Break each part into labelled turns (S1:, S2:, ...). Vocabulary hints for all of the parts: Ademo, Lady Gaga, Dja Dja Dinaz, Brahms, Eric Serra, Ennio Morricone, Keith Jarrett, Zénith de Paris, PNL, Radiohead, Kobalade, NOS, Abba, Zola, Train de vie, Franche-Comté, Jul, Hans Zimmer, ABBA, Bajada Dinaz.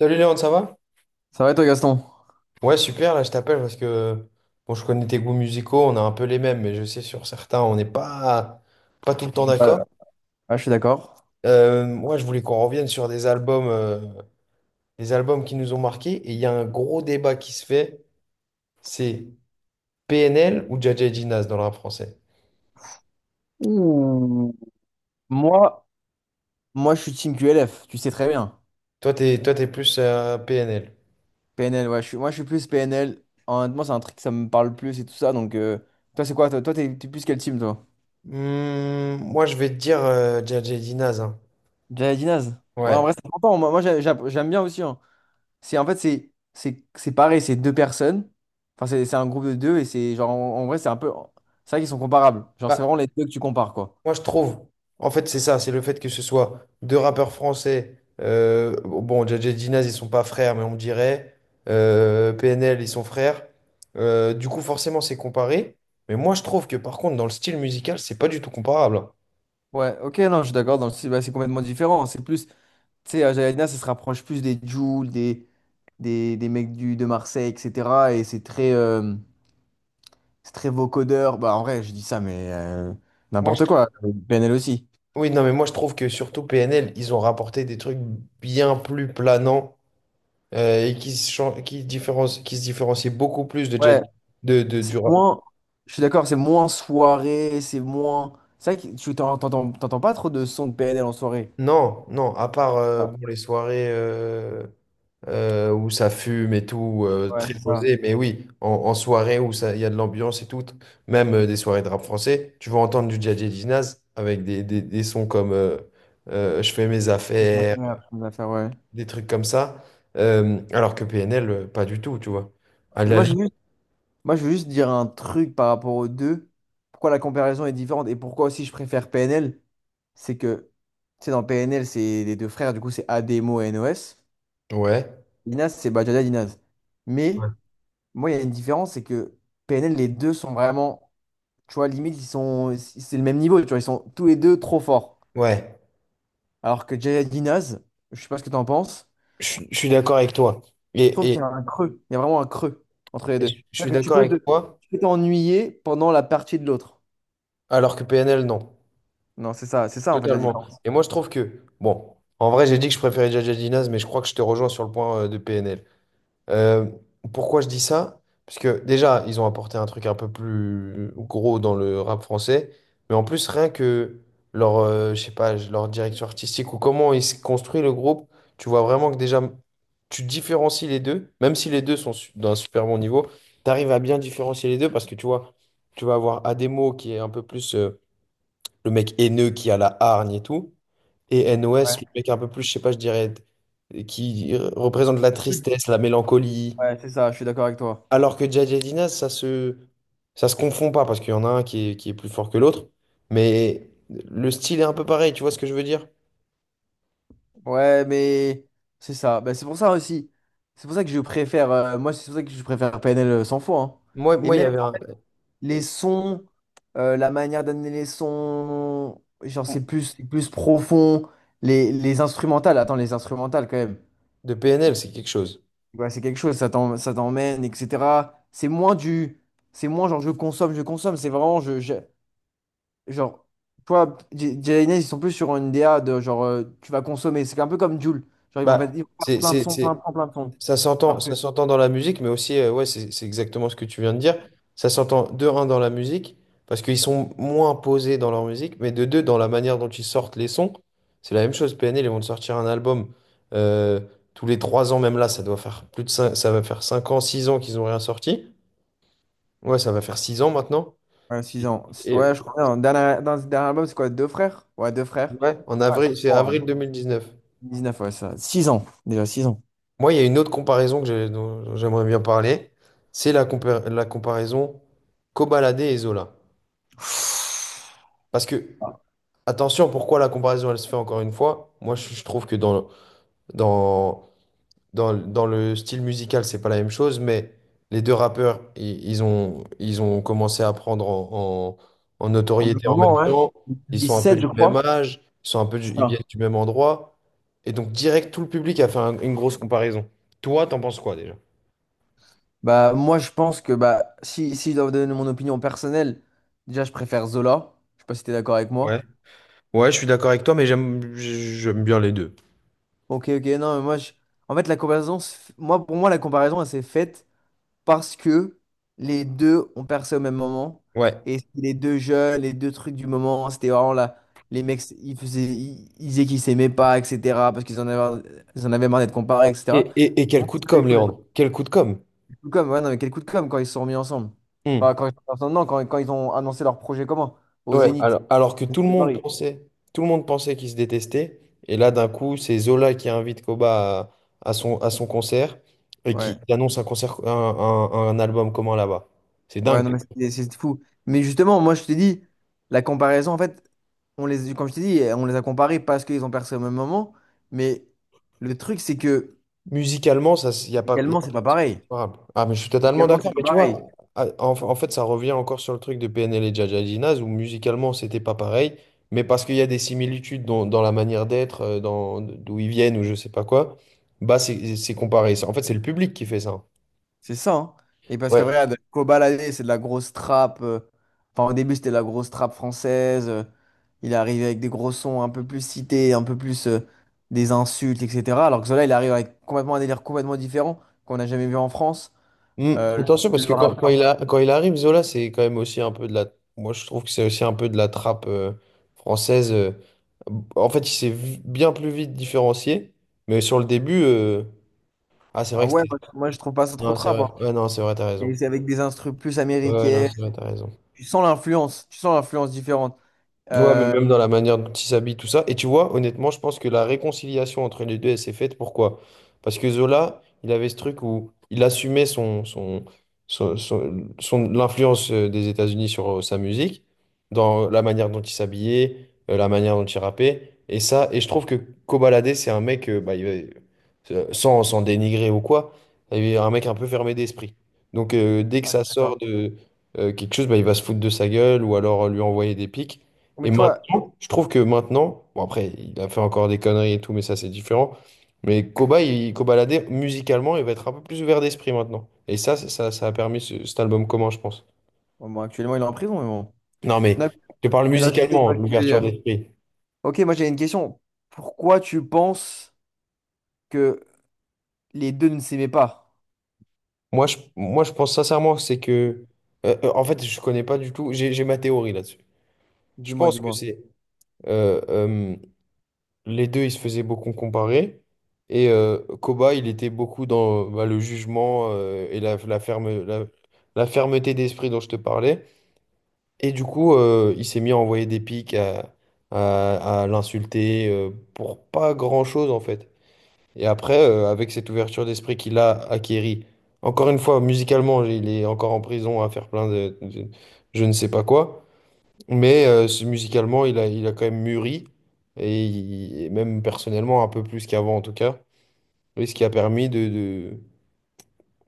S1: Salut Léon, ça va?
S2: Ça va et toi, Gaston?
S1: Ouais, super, là je t'appelle parce que bon, je connais tes goûts musicaux, on a un peu les mêmes, mais je sais sur certains, on n'est pas, pas tout le temps
S2: Ouais,
S1: d'accord.
S2: ouais, je suis d'accord.
S1: Moi, je voulais qu'on revienne sur des albums qui nous ont marqués, et il y a un gros débat qui se fait, c'est PNL ou Dja Dja Dinaz dans le rap français.
S2: Ouh. Moi, moi, je suis team QLF, tu sais très bien.
S1: Toi, t'es plus PNL.
S2: PNL, ouais, je suis plus PNL. Honnêtement, c'est un truc que ça me parle plus et tout ça. Donc, toi, c'est quoi? Toi, t'es plus quel team, toi?
S1: Moi, je vais te dire Dja Dja Dinaz, hein.
S2: Dinaz. Ouais, en
S1: Ouais.
S2: vrai, c'est important. Moi, j'aime bien aussi, hein. C'est, en fait, c'est pareil, c'est deux personnes. Enfin, c'est un groupe de deux et c'est genre, en vrai, c'est un peu. C'est vrai qu'ils sont comparables. Genre, c'est
S1: Bah,
S2: vraiment les deux que tu compares, quoi.
S1: moi, je trouve, en fait, c'est ça, c'est le fait que ce soit deux rappeurs français. Bon, Dja Dja Dinaz, ils sont pas frères, mais on me dirait. PNL, ils sont frères. Du coup, forcément, c'est comparé. Mais moi, je trouve que, par contre, dans le style musical, c'est pas du tout comparable.
S2: Ouais, ok, non, je suis d'accord. Dans le style, bah, c'est complètement différent. C'est plus. Tu sais, à Jalina, ça se rapproche plus des Jul, des mecs de Marseille, etc. Et c'est très vocodeur. Bah, en vrai, je dis ça, mais
S1: Moi, je
S2: n'importe
S1: trouve.
S2: quoi. PNL aussi.
S1: Oui, non, mais moi, je trouve que surtout PNL, ils ont rapporté des trucs bien plus planants et qui différencient, qui se différencient beaucoup plus de
S2: Ouais,
S1: du
S2: c'est
S1: rap.
S2: moins. Je suis d'accord, c'est moins soirée, c'est moins. C'est vrai que tu t'entends pas trop de sons de PNL en soirée.
S1: Non, non, à part
S2: Ouais,
S1: bon, les soirées où ça fume et tout,
S2: ouais,
S1: très
S2: c'est ça.
S1: posé. Mais oui, en soirée où il y a de l'ambiance et tout, même des soirées de rap français, tu vas entendre du Djadja Dinaz avec des sons comme Je fais mes affaires,
S2: Chose à faire, ouais.
S1: des trucs comme ça. Alors que PNL, pas du tout, tu vois. À
S2: Mais
S1: la
S2: moi, j'ai
S1: limite,
S2: vu, Moi, je veux juste dire un truc par rapport aux deux. Pourquoi la comparaison est différente et pourquoi aussi je préfère PNL, c'est que, tu sais, dans PNL, c'est les deux frères, du coup, c'est Ademo et NOS.
S1: ouais.
S2: Dinaz, c'est Bajada Dinaz. Mais
S1: Ouais,
S2: moi, il y a une différence, c'est que PNL, les deux sont vraiment, tu vois, limite, ils sont, c'est le même niveau, tu vois, ils sont tous les deux trop forts.
S1: ouais.
S2: Alors que Jaya Dinaz, je sais pas ce que tu en penses,
S1: Je suis d'accord avec toi.
S2: je trouve
S1: Et, et-
S2: qu'il y a un creux, il y a vraiment un creux entre les
S1: et je
S2: deux.
S1: je suis
S2: C'est-à-dire que
S1: d'accord avec toi,
S2: tu peux t'ennuyer pendant la partie de l'autre.
S1: alors que PNL, non.
S2: Non, c'est ça en fait la
S1: Totalement.
S2: différence.
S1: Et moi, je trouve que, bon, en vrai, j'ai dit que je préférais Jaja Dinaz, mais je crois que je te rejoins sur le point de PNL. Euh, Pourquoi je dis ça? Parce que déjà, ils ont apporté un truc un peu plus gros dans le rap français, mais en plus, rien que leur, je sais pas, leur direction artistique ou comment ils se construisent le groupe, tu vois vraiment que déjà, tu différencies les deux, même si les deux sont d'un super bon niveau, tu arrives à bien différencier les deux parce que tu vois, tu vas avoir Ademo qui est un peu plus le mec haineux qui a la hargne et tout. Et NOS, le
S2: Ouais,
S1: mec un peu plus, je sais pas, je dirais, qui représente la tristesse, la mélancolie.
S2: ouais, c'est ça, je suis d'accord avec toi.
S1: Alors que Jay Jay Dinas, ça se confond pas, parce qu'il y en a un qui est plus fort que l'autre. Mais le style est un peu pareil, tu vois ce que je veux dire?
S2: Ouais, mais c'est ça. Bah, c'est pour ça aussi. C'est pour ça que je préfère, moi, c'est pour ça que je préfère PNL 100 fois, hein.
S1: Moi,
S2: Et
S1: moi, il y
S2: même
S1: avait un...
S2: les sons, la manière d'amener les sons, genre c'est plus profond. Les instrumentales, attends, les instrumentales quand même.
S1: De PNL, c'est quelque chose.
S2: Ouais, c'est quelque chose, ça t'emmène, etc. C'est moins du. C'est moins genre je consomme, je consomme. C'est vraiment. Genre, toi, Jay ils sont plus sur une DA de genre, tu vas consommer. C'est un peu comme Jul. Genre,
S1: Bah,
S2: ils vont faire
S1: c'est,
S2: plein de
S1: c'est,
S2: sons,
S1: c'est-
S2: plein, plein, plein de sons. Alors
S1: Ça
S2: que,
S1: s'entend dans la musique, mais aussi, ouais, c'est exactement ce que tu viens de dire. Ça s'entend de un dans la musique, parce qu'ils sont moins posés dans leur musique, mais de deux dans la manière dont ils sortent les sons. C'est la même chose. PNL, ils vont te sortir un album euh, tous les 3 ans, même là, ça doit faire plus de 5, ça va faire 5 ans, 6 ans qu'ils n'ont rien sorti. Ouais, ça va faire 6 ans maintenant.
S2: ouais, 6
S1: Et
S2: ans.
S1: et-
S2: Ouais, je crois bien. Dans ce dernier album, c'est quoi? Deux frères? Ouais, deux frères.
S1: ouais, en
S2: Ouais,
S1: avril, c'est
S2: wow,
S1: avril 2019.
S2: 19, ouais, ça. 6 ans. Déjà, 6 ans.
S1: Moi, il y a une autre comparaison dont j'aimerais bien parler. C'est la comparaison Kobalade et Zola. Parce que, attention, pourquoi la comparaison, elle se fait encore une fois? Moi, je trouve que dans, dans le style musical, c'est pas la même chose, mais les deux rappeurs, ils ont commencé à prendre en
S2: Au même
S1: notoriété en
S2: moment,
S1: même
S2: ouais.
S1: temps. Ils
S2: dix
S1: sont un peu
S2: sept
S1: du
S2: je
S1: même
S2: crois.
S1: âge, ils sont un peu
S2: C'est
S1: ils viennent
S2: ça.
S1: du même endroit. Et donc, direct, tout le public a fait une grosse comparaison. Toi, t'en penses quoi déjà?
S2: Bah, moi, je pense que bah, si je dois vous donner mon opinion personnelle, déjà, je préfère Zola. Je sais pas si t'es d'accord avec
S1: Ouais.
S2: moi.
S1: Ouais, je suis d'accord avec toi, mais j'aime bien les deux.
S2: Ok, ok, non, mais moi, je... En fait, la comparaison, moi, pour moi, la comparaison, elle s'est faite parce que les deux ont percé au même moment.
S1: Ouais.
S2: Et c'était les deux jeunes, les deux trucs du moment, c'était vraiment là. Les mecs, ils disaient qu'ils s'aimaient pas, etc. Parce qu'ils en avaient marre d'être comparés, etc.
S1: Et
S2: Pour
S1: quel
S2: moi,
S1: coup
S2: c'est
S1: de
S2: pas
S1: com',
S2: du tout
S1: Léandre? Quel coup de com'?
S2: le coup de com'. Ouais, non, mais quel coup de com' quand ils se sont remis ensemble. Enfin,
S1: Hmm.
S2: quand ils sont ensemble, non, quand ils ont annoncé leur projet commun au
S1: Ouais,
S2: Zénith
S1: alors que tout le
S2: de Paris.
S1: monde pensait, tout le monde pensait qu'ils se détestaient. Et là, d'un coup, c'est Zola qui invite Koba à son concert et
S2: Ouais.
S1: qui annonce un concert, un album commun là-bas. C'est
S2: Ouais,
S1: dingue.
S2: non, mais c'est fou. Mais justement, moi, je te dis, la comparaison, en fait, comme je t'ai dit, on les a comparés parce qu'ils ont percé au même moment. Mais le truc, c'est que
S1: Musicalement, ça, il y a pas, y a-
S2: également, c'est pas
S1: c'est
S2: pareil.
S1: comparable. Ah, mais je suis totalement
S2: Également,
S1: d'accord.
S2: c'est pas
S1: Mais tu
S2: pareil.
S1: vois, en fait, ça revient encore sur le truc de PNL et Jaja Ginaz où musicalement, c'était pas pareil. Mais parce qu'il y a des similitudes dans la manière d'être, dans d'où ils viennent ou je sais pas quoi, bah c'est comparé. En fait, c'est le public qui fait ça.
S2: C'est ça, hein. Et parce que
S1: Ouais.
S2: regarde, Kobalade, c'est de la grosse trappe. Enfin, au début, c'était de la grosse trappe française. Il est arrivé avec des gros sons un peu plus cités, un peu plus des insultes, etc. Alors que Zola, il arrive avec complètement un délire complètement différent qu'on n'a jamais vu en France.
S1: Mm.
S2: Euh, le
S1: Attention, parce que
S2: le rappeur.
S1: quand il arrive, Zola, c'est quand même aussi un peu de la. Moi, je trouve que c'est aussi un peu de la trappe française. En fait, il bien plus vite différencié. Mais sur le début. Ah, c'est
S2: Ah,
S1: vrai que
S2: ouais,
S1: c'était.
S2: moi, je trouve pas ça trop
S1: Non, c'est
S2: trap, hein.
S1: vrai. Ouais, non, c'est vrai, t'as
S2: Et
S1: raison.
S2: c'est avec des instrus plus
S1: Ouais, ouais, non,
S2: américaines.
S1: c'est vrai, t'as raison.
S2: Tu sens l'influence. Tu sens l'influence différente.
S1: Ouais, mais
S2: Euh,
S1: même dans la manière dont ils s'habillent, tout ça. Et tu vois, honnêtement, je pense que la réconciliation entre les deux, elle s'est faite. Pourquoi? Parce que Zola, il avait ce truc où il assumait l'influence des États-Unis sur sa musique, dans la manière dont il s'habillait, la manière dont il rappait. Et ça, et je trouve que Kobalade, c'est un mec, sans, sans dénigrer ou quoi, il est un mec un peu fermé d'esprit. Donc, dès que
S2: ah, je
S1: ça
S2: suis
S1: sort
S2: d'accord.
S1: de quelque chose, bah, il va se foutre de sa gueule ou alors lui envoyer des pics. Et
S2: Mais tu vois,
S1: maintenant, je trouve que maintenant, bon après, il a fait encore des conneries et tout, mais ça c'est différent. Mais Koba musicalement, il va être un peu plus ouvert d'esprit maintenant. Et ça, ça a permis cet album commun, je pense.
S2: bon, bon, actuellement, il est en prison, mais bon.
S1: Non, mais
S2: Non,
S1: je parle
S2: mais non, je sais, je
S1: musicalement,
S2: vois ce que tu veux
S1: l'ouverture
S2: dire.
S1: d'esprit.
S2: Ok, moi, j'ai une question. Pourquoi tu penses que les deux ne s'aimaient pas?
S1: Moi, je pense sincèrement, que c'est que. En fait, je connais pas du tout. J'ai ma théorie là-dessus. Je
S2: Dis-moi,
S1: pense que
S2: dis-moi.
S1: c'est. euh, euh, les deux, ils se faisaient beaucoup comparer. Et Koba, il était beaucoup dans bah, le jugement et la fermeté d'esprit dont je te parlais. Et du coup, il s'est mis à envoyer des pics, à l'insulter pour pas grand-chose, en fait. Et après, avec cette ouverture d'esprit qu'il a acquérie, encore une fois, musicalement, il est encore en prison à faire plein je ne sais pas quoi. Mais musicalement, il a quand même mûri, et et même personnellement, un peu plus qu'avant en tout cas. Et ce qui a permis de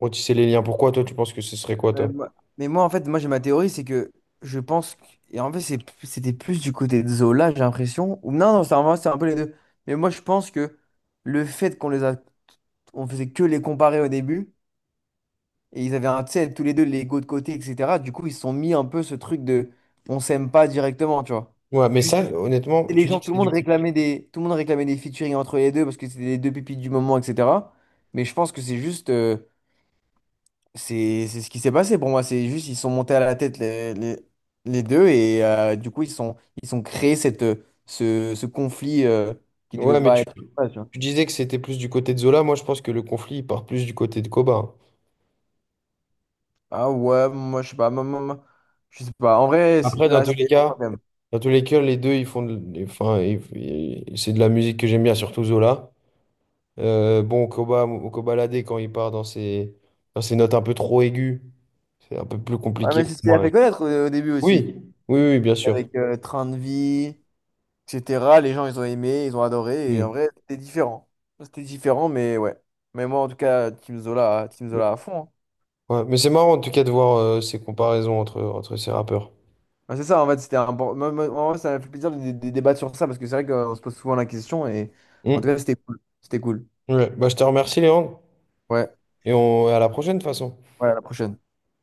S1: retisser les liens. Pourquoi toi, tu penses que ce serait quoi,
S2: Ouais,
S1: toi?
S2: mais moi, en fait, moi, j'ai ma théorie, c'est que je pense. Et en fait, c'était plus du côté de Zola, j'ai l'impression. Ou non, non, c'est un peu les deux. Mais moi, je pense que le fait qu'on les a. On faisait que les comparer au début. Et ils avaient un, tu sais, tous les deux l'ego de côté, etc. Du coup, ils se sont mis un peu ce truc de. On s'aime pas directement, tu vois.
S1: Ouais, mais
S2: Juste,
S1: ça, honnêtement,
S2: les
S1: tu dis
S2: gens,
S1: que c'est du...
S2: tout le monde réclamait des featuring entre les deux parce que c'était les deux pipis du moment, etc. Mais je pense que c'est juste. C'est ce qui s'est passé pour moi. C'est juste ils sont montés à la tête les deux et du coup ils sont créés cette ce conflit qui devait
S1: Ouais, mais
S2: pas être. Ouais, tu vois.
S1: tu disais que c'était plus du côté de Zola. Moi, je pense que le conflit, il part plus du côté de Koba.
S2: Ah ouais, moi je sais pas, moi, je sais pas. En vrai,
S1: Après, dans
S2: là
S1: tous les
S2: c'était
S1: cas,
S2: quand même.
S1: dans tous les cas, les deux, ils font... Enfin, c'est de la musique que j'aime bien, surtout Zola. Bon, Kobalade, quand il part dans ses notes un peu trop aiguës, c'est un peu plus
S2: Ouais,
S1: compliqué
S2: mais
S1: pour
S2: c'est ce qu'il a
S1: moi,
S2: fait
S1: ouais.
S2: connaître au début aussi,
S1: Oui, oui, oui, bien sûr.
S2: avec Train de vie, etc. Les gens ils ont aimé, ils ont adoré et en
S1: Mm.
S2: vrai c'était différent. C'était différent, mais ouais. Mais moi en tout cas Team Zola, Team Zola à fond, hein.
S1: Ouais, mais c'est marrant en tout cas de voir ces comparaisons entre, entre ces rappeurs.
S2: Ah, c'est ça, en fait, c'était un moi, ça m'a fait plaisir de, de débattre sur ça parce que c'est vrai qu'on se pose souvent la question et en tout
S1: Mm.
S2: cas, c'était cool. C'était cool.
S1: Ouais. Bah, je te remercie, Léandre,
S2: Ouais,
S1: et on, à la prochaine de toute façon.
S2: ouais, à la prochaine.